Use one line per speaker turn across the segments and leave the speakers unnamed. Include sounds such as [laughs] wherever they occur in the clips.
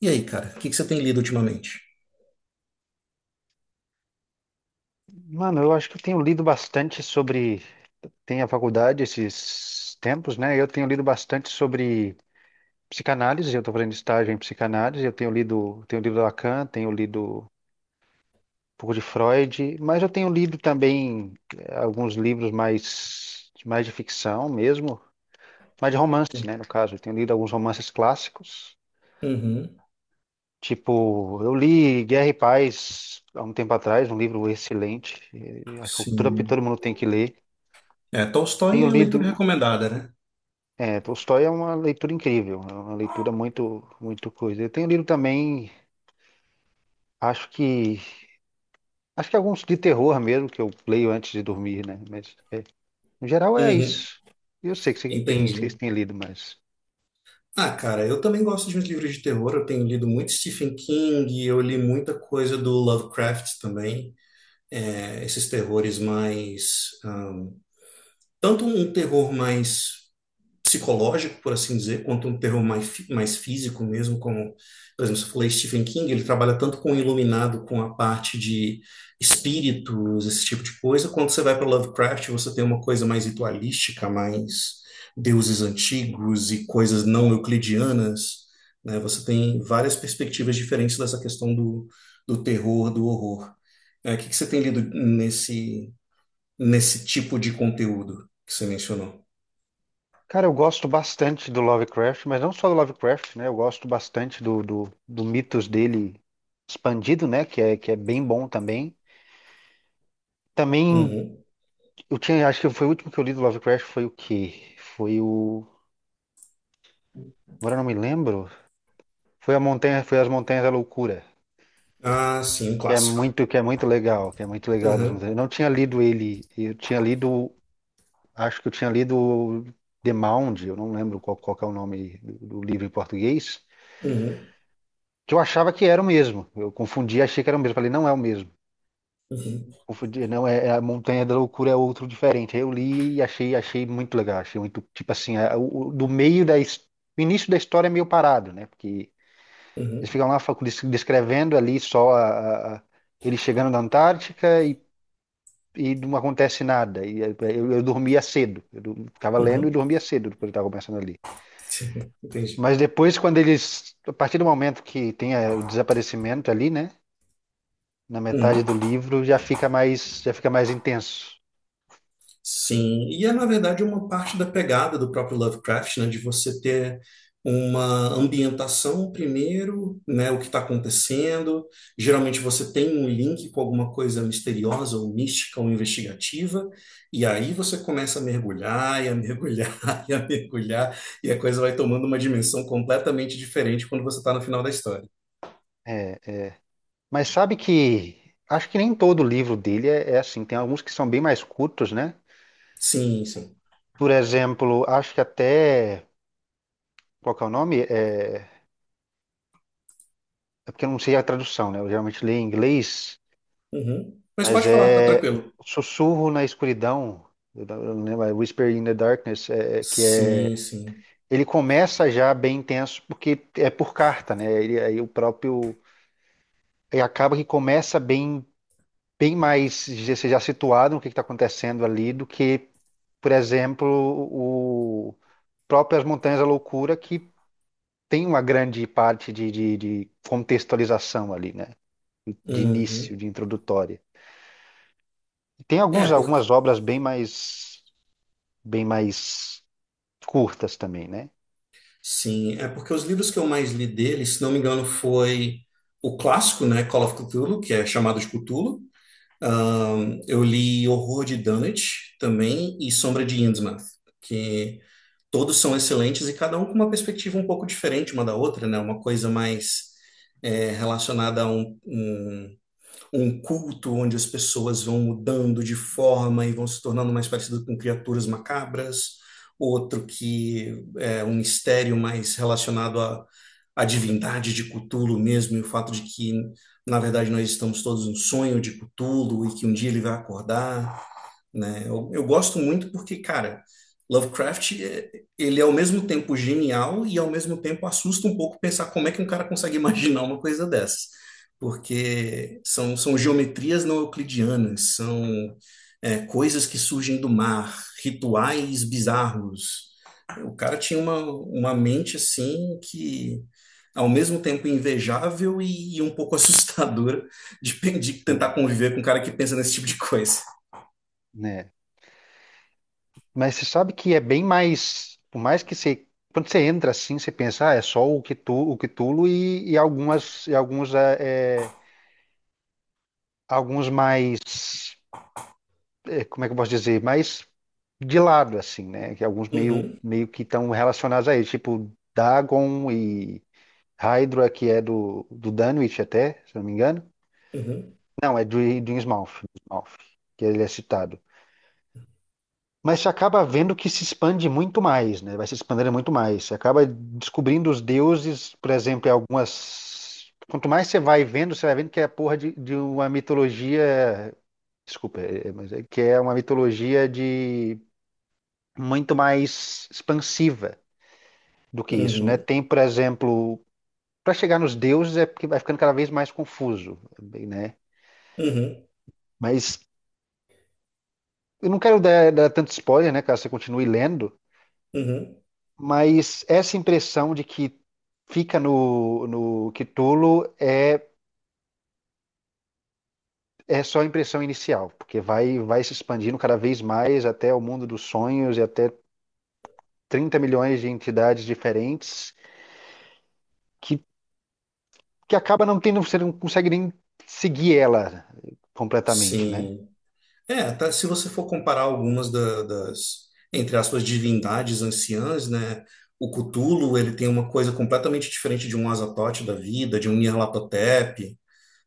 E aí, cara, o que que você tem lido ultimamente?
Mano, eu acho que eu tenho lido bastante sobre. Tem a faculdade esses tempos, né? Eu tenho lido bastante sobre psicanálise. Eu estou fazendo estágio em psicanálise. Eu tenho lido Lacan, tenho lido um pouco de Freud, mas eu tenho lido também alguns livros mais, mais de ficção mesmo, mais de romance, né? No caso, eu tenho lido alguns romances clássicos.
Uhum,
Tipo, eu li Guerra e Paz há um tempo atrás, um livro excelente. Acho que todo,
sim.
todo mundo tem que ler.
É, Tolstói
Tenho
é a leitura
lido.
recomendada, né?
É, Tolstói é uma leitura incrível, é uma leitura muito, muito coisa. Eu tenho lido também, acho que, acho que alguns de terror mesmo que eu leio antes de dormir, né? Mas é, no geral é
Uhum,
isso. Eu sei que você tem, vocês
entendi.
têm lido, mas,
Ah, cara, eu também gosto de uns livros de terror. Eu tenho lido muito Stephen King, eu li muita coisa do Lovecraft também. É, esses terrores mais. Ah, tanto um terror mais psicológico, por assim dizer, quanto um terror mais, mais físico mesmo, como, por exemplo, se eu falei Stephen King, ele trabalha tanto com o iluminado, com a parte de espíritos, esse tipo de coisa, quando você vai para Lovecraft, você tem uma coisa mais ritualística, mais deuses antigos e coisas não euclidianas, né? Você tem várias perspectivas diferentes dessa questão do terror, do horror. É, o que que você tem lido nesse tipo de conteúdo que você mencionou?
cara, eu gosto bastante do Lovecraft, mas não só do Lovecraft, né? Eu gosto bastante do mitos dele expandido, né? Que é bem bom também. Também
Uhum.
eu tinha, acho que foi o último que eu li do Lovecraft foi o quê? Foi o, agora eu não me lembro. Foi as Montanhas da Loucura,
Ah, sim, um clássico.
que é muito legal, que é muito legal das
Aham,
montanhas. Eu não tinha lido ele, eu tinha lido, acho que eu tinha lido The Mound, eu não lembro qual que é o nome do livro em português,
uhum,
que eu achava que era o mesmo. Eu confundi, achei que era o mesmo. Falei, não é o mesmo.
uhum,
Confundi, não é, é a Montanha da Loucura é outro diferente. Aí eu li e achei, achei muito legal, achei muito, tipo assim, é, o- do meio da, his- o início da história é meio parado, né? Porque eles
uhum,
ficam lá descrevendo ali só ele chegando na Antártica e não acontece nada. E eu dormia cedo. Eu ficava lendo e
uhum.
dormia cedo depois estava começando ali.
[laughs] Entendi.
Mas depois, quando eles. A partir do momento que tem o desaparecimento ali, né? Na
Uhum.
metade do livro, já fica mais intenso.
Sim, e é na verdade uma parte da pegada do próprio Lovecraft, né, de você ter uma ambientação primeiro, né, o que está acontecendo. Geralmente você tem um link com alguma coisa misteriosa, ou mística, ou investigativa, e aí você começa a mergulhar, e a mergulhar, [laughs] e a mergulhar, e a coisa vai tomando uma dimensão completamente diferente quando você está no final da história.
É. Mas sabe que. Acho que nem todo livro dele é, é assim. Tem alguns que são bem mais curtos, né?
Sim, sim.
Por exemplo, acho que até. Qual que é o nome? É. É porque eu não sei a tradução, né? Eu geralmente leio em inglês,
Uhum. Mas
mas
pode falar, tá
é
tranquilo.
Sussurro na Escuridão, eu não lembro, é Whisper in the Darkness, que
Sim,
é.
sim.
Ele começa já bem intenso, porque é por carta, né? Ele, aí o próprio. Aí acaba que começa bem, você já situado no que está acontecendo ali do que, por exemplo, o próprio As Montanhas da Loucura, que tem uma grande parte de, de contextualização ali, né? De início,
Uhum.
de introdutória. Tem
É
alguns,
porque
algumas obras bem mais curtas também, né?
sim, é porque os livros que eu mais li dele, se não me engano, foi o clássico, né, Call of Cthulhu, que é chamado de Cthulhu. Eu li Horror de Dunwich também e Sombra de Innsmouth, que todos são excelentes e cada um com uma perspectiva um pouco diferente uma da outra, né? Uma coisa mais é, relacionada a um culto onde as pessoas vão mudando de forma e vão se tornando mais parecidas com criaturas macabras, outro que é um mistério mais relacionado à divindade de Cthulhu mesmo, e o fato de que, na verdade, nós estamos todos num sonho de Cthulhu e que um dia ele vai acordar, né? Eu gosto muito porque, cara, Lovecraft, ele é ao mesmo tempo genial e ao mesmo tempo assusta um pouco pensar como é que um cara consegue [laughs] imaginar uma coisa dessas. Porque são geometrias não euclidianas, são é, coisas que surgem do mar, rituais bizarros. O cara tinha uma mente assim que, ao mesmo tempo, invejável e um pouco [laughs] assustadora de, de tentar
Sim,
conviver com um cara que pensa nesse tipo de coisa.
né? Mas você sabe que é bem mais, por mais que você, quando você entra assim, você pensa, ah, é só o Cthulhu e algumas, e alguns, é, é, alguns mais, é, como é que eu posso dizer, mais de lado assim, né? Que alguns meio,
Uhum.
meio que estão relacionados a ele, tipo Dagon e Hydra, que é do Dunwich até, se eu não me engano.
Uhum,
Não, é do Innsmouth, que ele é citado. Mas você acaba vendo que se expande muito mais, né? Vai se expandindo muito mais. Você acaba descobrindo os deuses, por exemplo, em algumas. Quanto mais você vai vendo que é a porra de uma mitologia. Desculpa, mas é que é uma mitologia de muito mais expansiva do que isso, né?
uhum,
Tem, por exemplo, para chegar nos deuses é porque vai ficando cada vez mais confuso, né?
uhum,
Mas eu não quero dar tanto spoiler, né? Caso você continue lendo.
uhum.
Mas essa impressão de que fica no Cthulhu é só a impressão inicial, porque vai se expandindo cada vez mais até o mundo dos sonhos e até 30 milhões de entidades diferentes que, que acaba não tendo, você não consegue nem seguir ela completamente, né?
Sim. É, até se você for comparar algumas das, entre aspas, divindades anciãs, né? O Cthulhu, ele tem uma coisa completamente diferente de um Azathoth da vida, de um Nyarlathotep,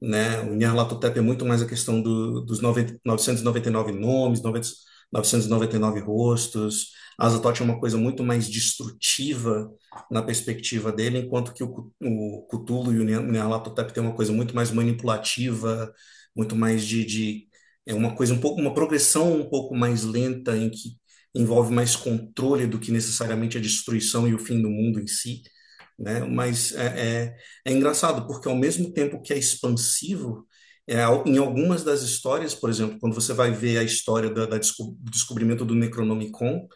né? O Nyarlathotep é muito mais a questão dos noventa novecentos e noventa e nove nomes, noventa novecentos e noventa e nove rostos. Azathoth é uma coisa muito mais destrutiva na perspectiva dele, enquanto que o Cthulhu e o Nyarlathotep tem uma coisa muito mais manipulativa, muito mais de é uma coisa um pouco uma progressão um pouco mais lenta em que envolve mais controle do que necessariamente a destruição e o fim do mundo em si, né? Mas é engraçado, porque ao mesmo tempo que é expansivo, em algumas das histórias, por exemplo, quando você vai ver a história do descobrimento do Necronomicon,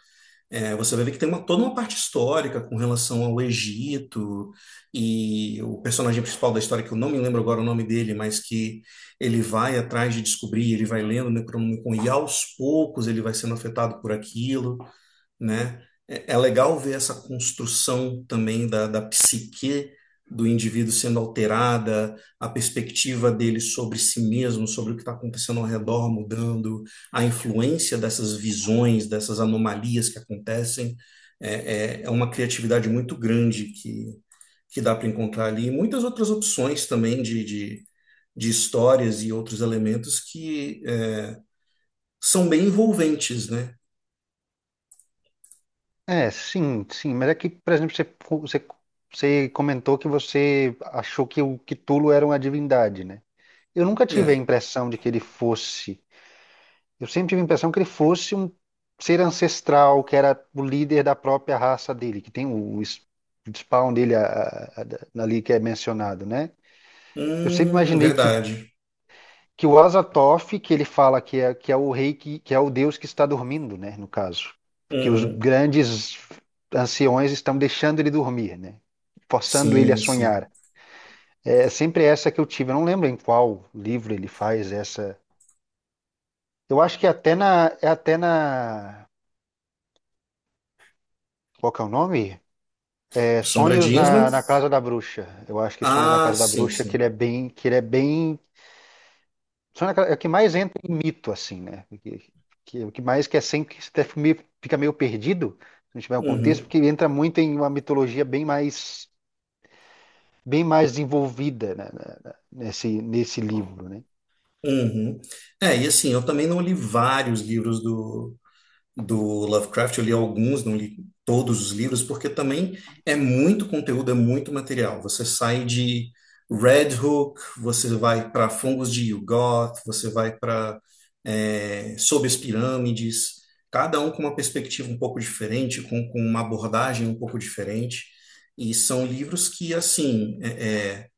é, você vai ver que tem uma, toda uma parte histórica com relação ao Egito e o personagem principal da história, que eu não me lembro agora o nome dele, mas que ele vai atrás de descobrir, ele vai lendo o Necronomicon e aos poucos ele vai sendo afetado por aquilo, né? É é legal ver essa construção também da psique do indivíduo sendo alterada, a perspectiva dele sobre si mesmo, sobre o que está acontecendo ao
Uhum.
redor mudando, a influência dessas visões, dessas anomalias que acontecem. É, é, é uma criatividade muito grande que dá para encontrar ali. E muitas outras opções também de, de histórias e outros elementos que é, são bem envolventes, né?
É, sim, sim, mas é que, por exemplo, você, você comentou que você achou que o Cthulhu era uma divindade, né? Eu nunca tive a
É.
impressão de que ele fosse. Eu sempre tive a impressão que ele fosse um ser ancestral, que era o líder da própria raça dele, que tem o spawn dele ali que é mencionado, né? Eu sempre imaginei
Verdade.
que o Azathoth, que ele fala que é o rei, que é o deus que está dormindo, né? No caso. Que os
Uhum.
grandes anciões estão deixando ele dormir, né? Forçando ele a
Sim,
sonhar.
sim.
É sempre essa que eu tive. Eu não lembro em qual livro ele faz essa. Eu acho que é até na, qual que é o nome? É
Sombra
Sonhos
de Innsmouth?
na Casa da Bruxa. Eu acho que Sonhos na
Ah,
Casa da
sim,
Bruxa,
sim.
que ele é bem, Sonhos na Casa- é o que mais entra em mito assim, né? Que, o que mais que é sempre que você até fica meio perdido, se não tiver o contexto,
Uhum,
porque ele entra muito em uma mitologia bem mais desenvolvida, né, nesse livro, né?
uhum. É, e assim, eu também não li vários livros do, do Lovecraft, eu li alguns, não li todos os livros, porque também é muito conteúdo, é muito material. Você sai de Red Hook, você vai para Fungos de Yugoth, você vai para é, Sob as Pirâmides, cada um com uma perspectiva um pouco diferente, com uma abordagem um pouco diferente. E são livros que, assim, é, é,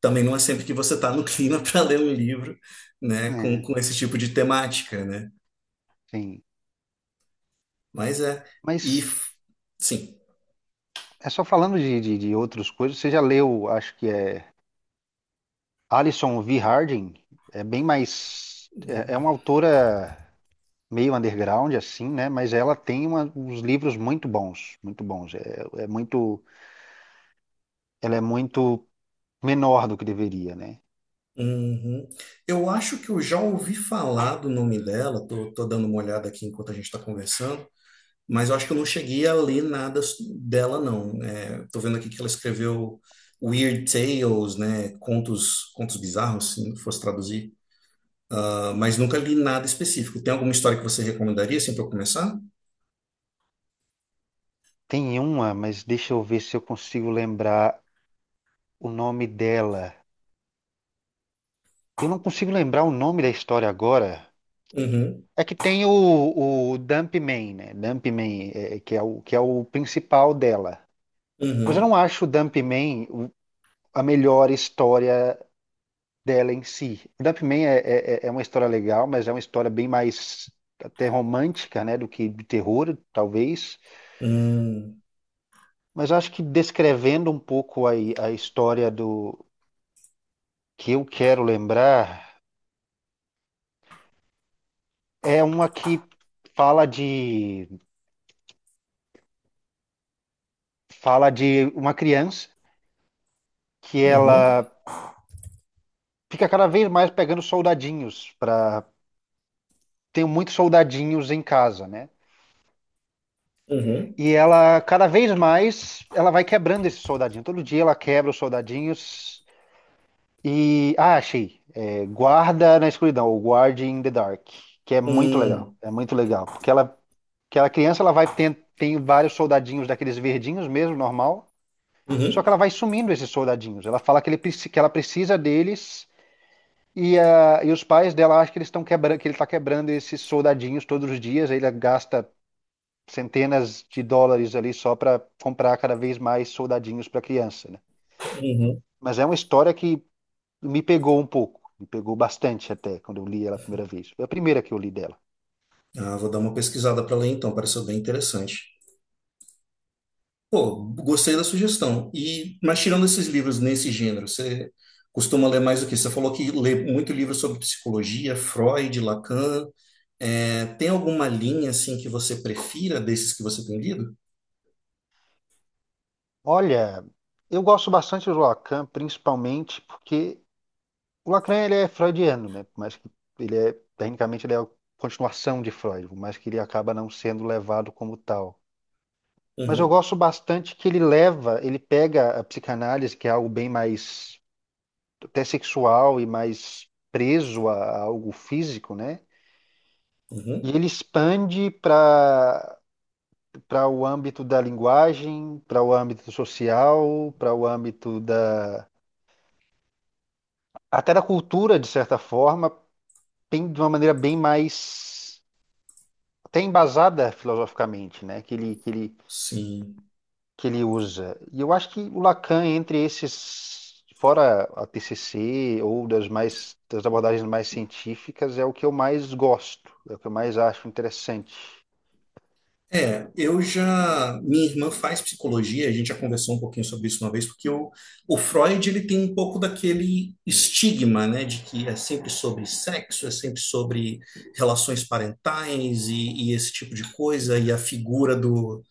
também não é sempre que você está no clima [laughs] para ler um livro, né, com,
É,
com esse tipo de temática, né?
sim.
Mas é. E
Mas
f- sim.
é só falando de, de outras coisas, você já leu, acho que é Alison V. Harding, é bem mais é, é uma autora meio underground assim, né? Mas ela tem uns livros muito bons, muito bons. É, é muito, ela é muito menor do que deveria, né?
Uhum. Eu acho que eu já ouvi falar do nome dela, tô dando uma olhada aqui enquanto a gente está conversando, mas eu acho que eu não cheguei a ler nada dela, não. É, tô vendo aqui que ela escreveu Weird Tales, né? Contos, contos bizarros, se fosse traduzir. Ah, mas nunca li nada específico. Tem alguma história que você recomendaria, assim, para eu começar?
Tem uma, mas deixa eu ver se eu consigo lembrar o nome dela. Eu não consigo lembrar o nome da história agora.
Uhum,
É que tem o dump man né? Dumpman, que é o principal dela. Mas eu não
uhum,
acho o Dump man a melhor história dela em si. Dump Man é uma história legal, mas é uma história bem mais até romântica, né, do que de terror, talvez.
uhum,
Mas acho que descrevendo um pouco a história do que eu quero lembrar, é uma que fala de fala de uma criança que
uhum,
ela fica cada vez mais pegando soldadinhos para tem muitos soldadinhos em casa, né?
uhum,
E ela cada vez mais ela vai quebrando esses soldadinhos. Todo dia ela quebra os soldadinhos E. Ah, achei. É, Guarda na escuridão, ou Guard in the Dark, que é muito legal.
uhum,
É muito legal. Porque ela, aquela criança, ela vai tem, vários soldadinhos daqueles verdinhos mesmo, normal. Só que
uhum,
ela vai sumindo esses soldadinhos. Ela fala que, ele, que ela precisa deles. E, ah, e os pais dela acham que eles estão quebrando, que ele está quebrando esses soldadinhos todos os dias. Aí ele gasta centenas de dólares ali só para comprar cada vez mais soldadinhos para a criança, né?
uhum.
Mas é uma história que me pegou um pouco, me pegou bastante até quando eu li ela a primeira vez. Foi a primeira que eu li dela.
Ah, vou dar uma pesquisada para ler então, pareceu bem interessante. Pô, gostei da sugestão. E, mas tirando esses livros nesse gênero, você costuma ler mais o quê? Você falou que lê muito livro sobre psicologia, Freud, Lacan. É, tem alguma linha assim que você prefira desses que você tem lido?
Olha, eu gosto bastante do Lacan, principalmente porque o Lacan ele é freudiano, né? Por mais que ele é, tecnicamente, ele é a continuação de Freud, por mais que ele acaba não sendo levado como tal. Mas eu
Uhum,
gosto bastante que ele leva, ele pega a psicanálise, que é algo bem mais até sexual e mais preso a algo físico, né? E
uhum,
ele expande para o âmbito da linguagem, para o âmbito social, para o âmbito da até da cultura de certa forma, bem- de uma maneira bem mais até embasada filosoficamente, né? Que ele que ele
sim.
que ele usa. E eu acho que o Lacan entre esses fora a TCC ou das mais das abordagens mais científicas é o que eu mais gosto, é o que eu mais acho interessante.
É, eu já, minha irmã faz psicologia, a gente já conversou um pouquinho sobre isso uma vez, porque o Freud, ele tem um pouco daquele estigma, né, de que é sempre sobre sexo, é sempre sobre relações parentais e esse tipo de coisa, e a figura do,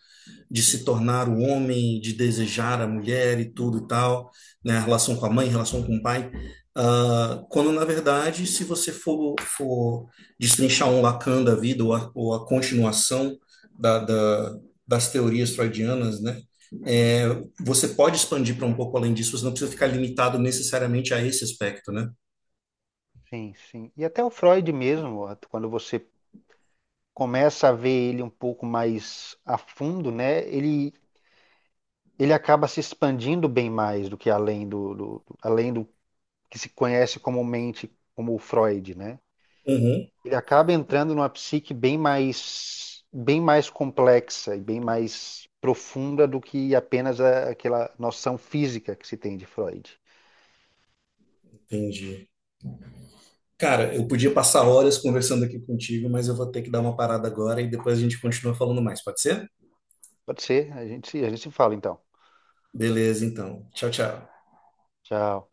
de se tornar o homem, de desejar a mulher e tudo e tal, né? A relação com a mãe, a relação com o pai. Quando, na verdade, se você for destrinchar um Lacan da vida ou ou a continuação da, da, das teorias freudianas, né? É, você pode expandir para um pouco além disso, você não precisa ficar limitado necessariamente a esse aspecto, né?
Sim, sim. E até o Freud mesmo, quando você começa a ver ele um pouco mais a fundo, né? Ele acaba se expandindo bem mais do que além além do que se conhece comumente como o Freud, né?
Uhum,
Ele acaba entrando numa psique bem mais complexa e bem mais profunda do que apenas aquela noção física que se tem de Freud.
entendi. Cara, eu podia passar horas conversando aqui contigo, mas eu vou ter que dar uma parada agora e depois a gente continua falando mais, pode ser?
Pode ser, a gente se fala então.
Beleza, então. Tchau, tchau.
Tchau.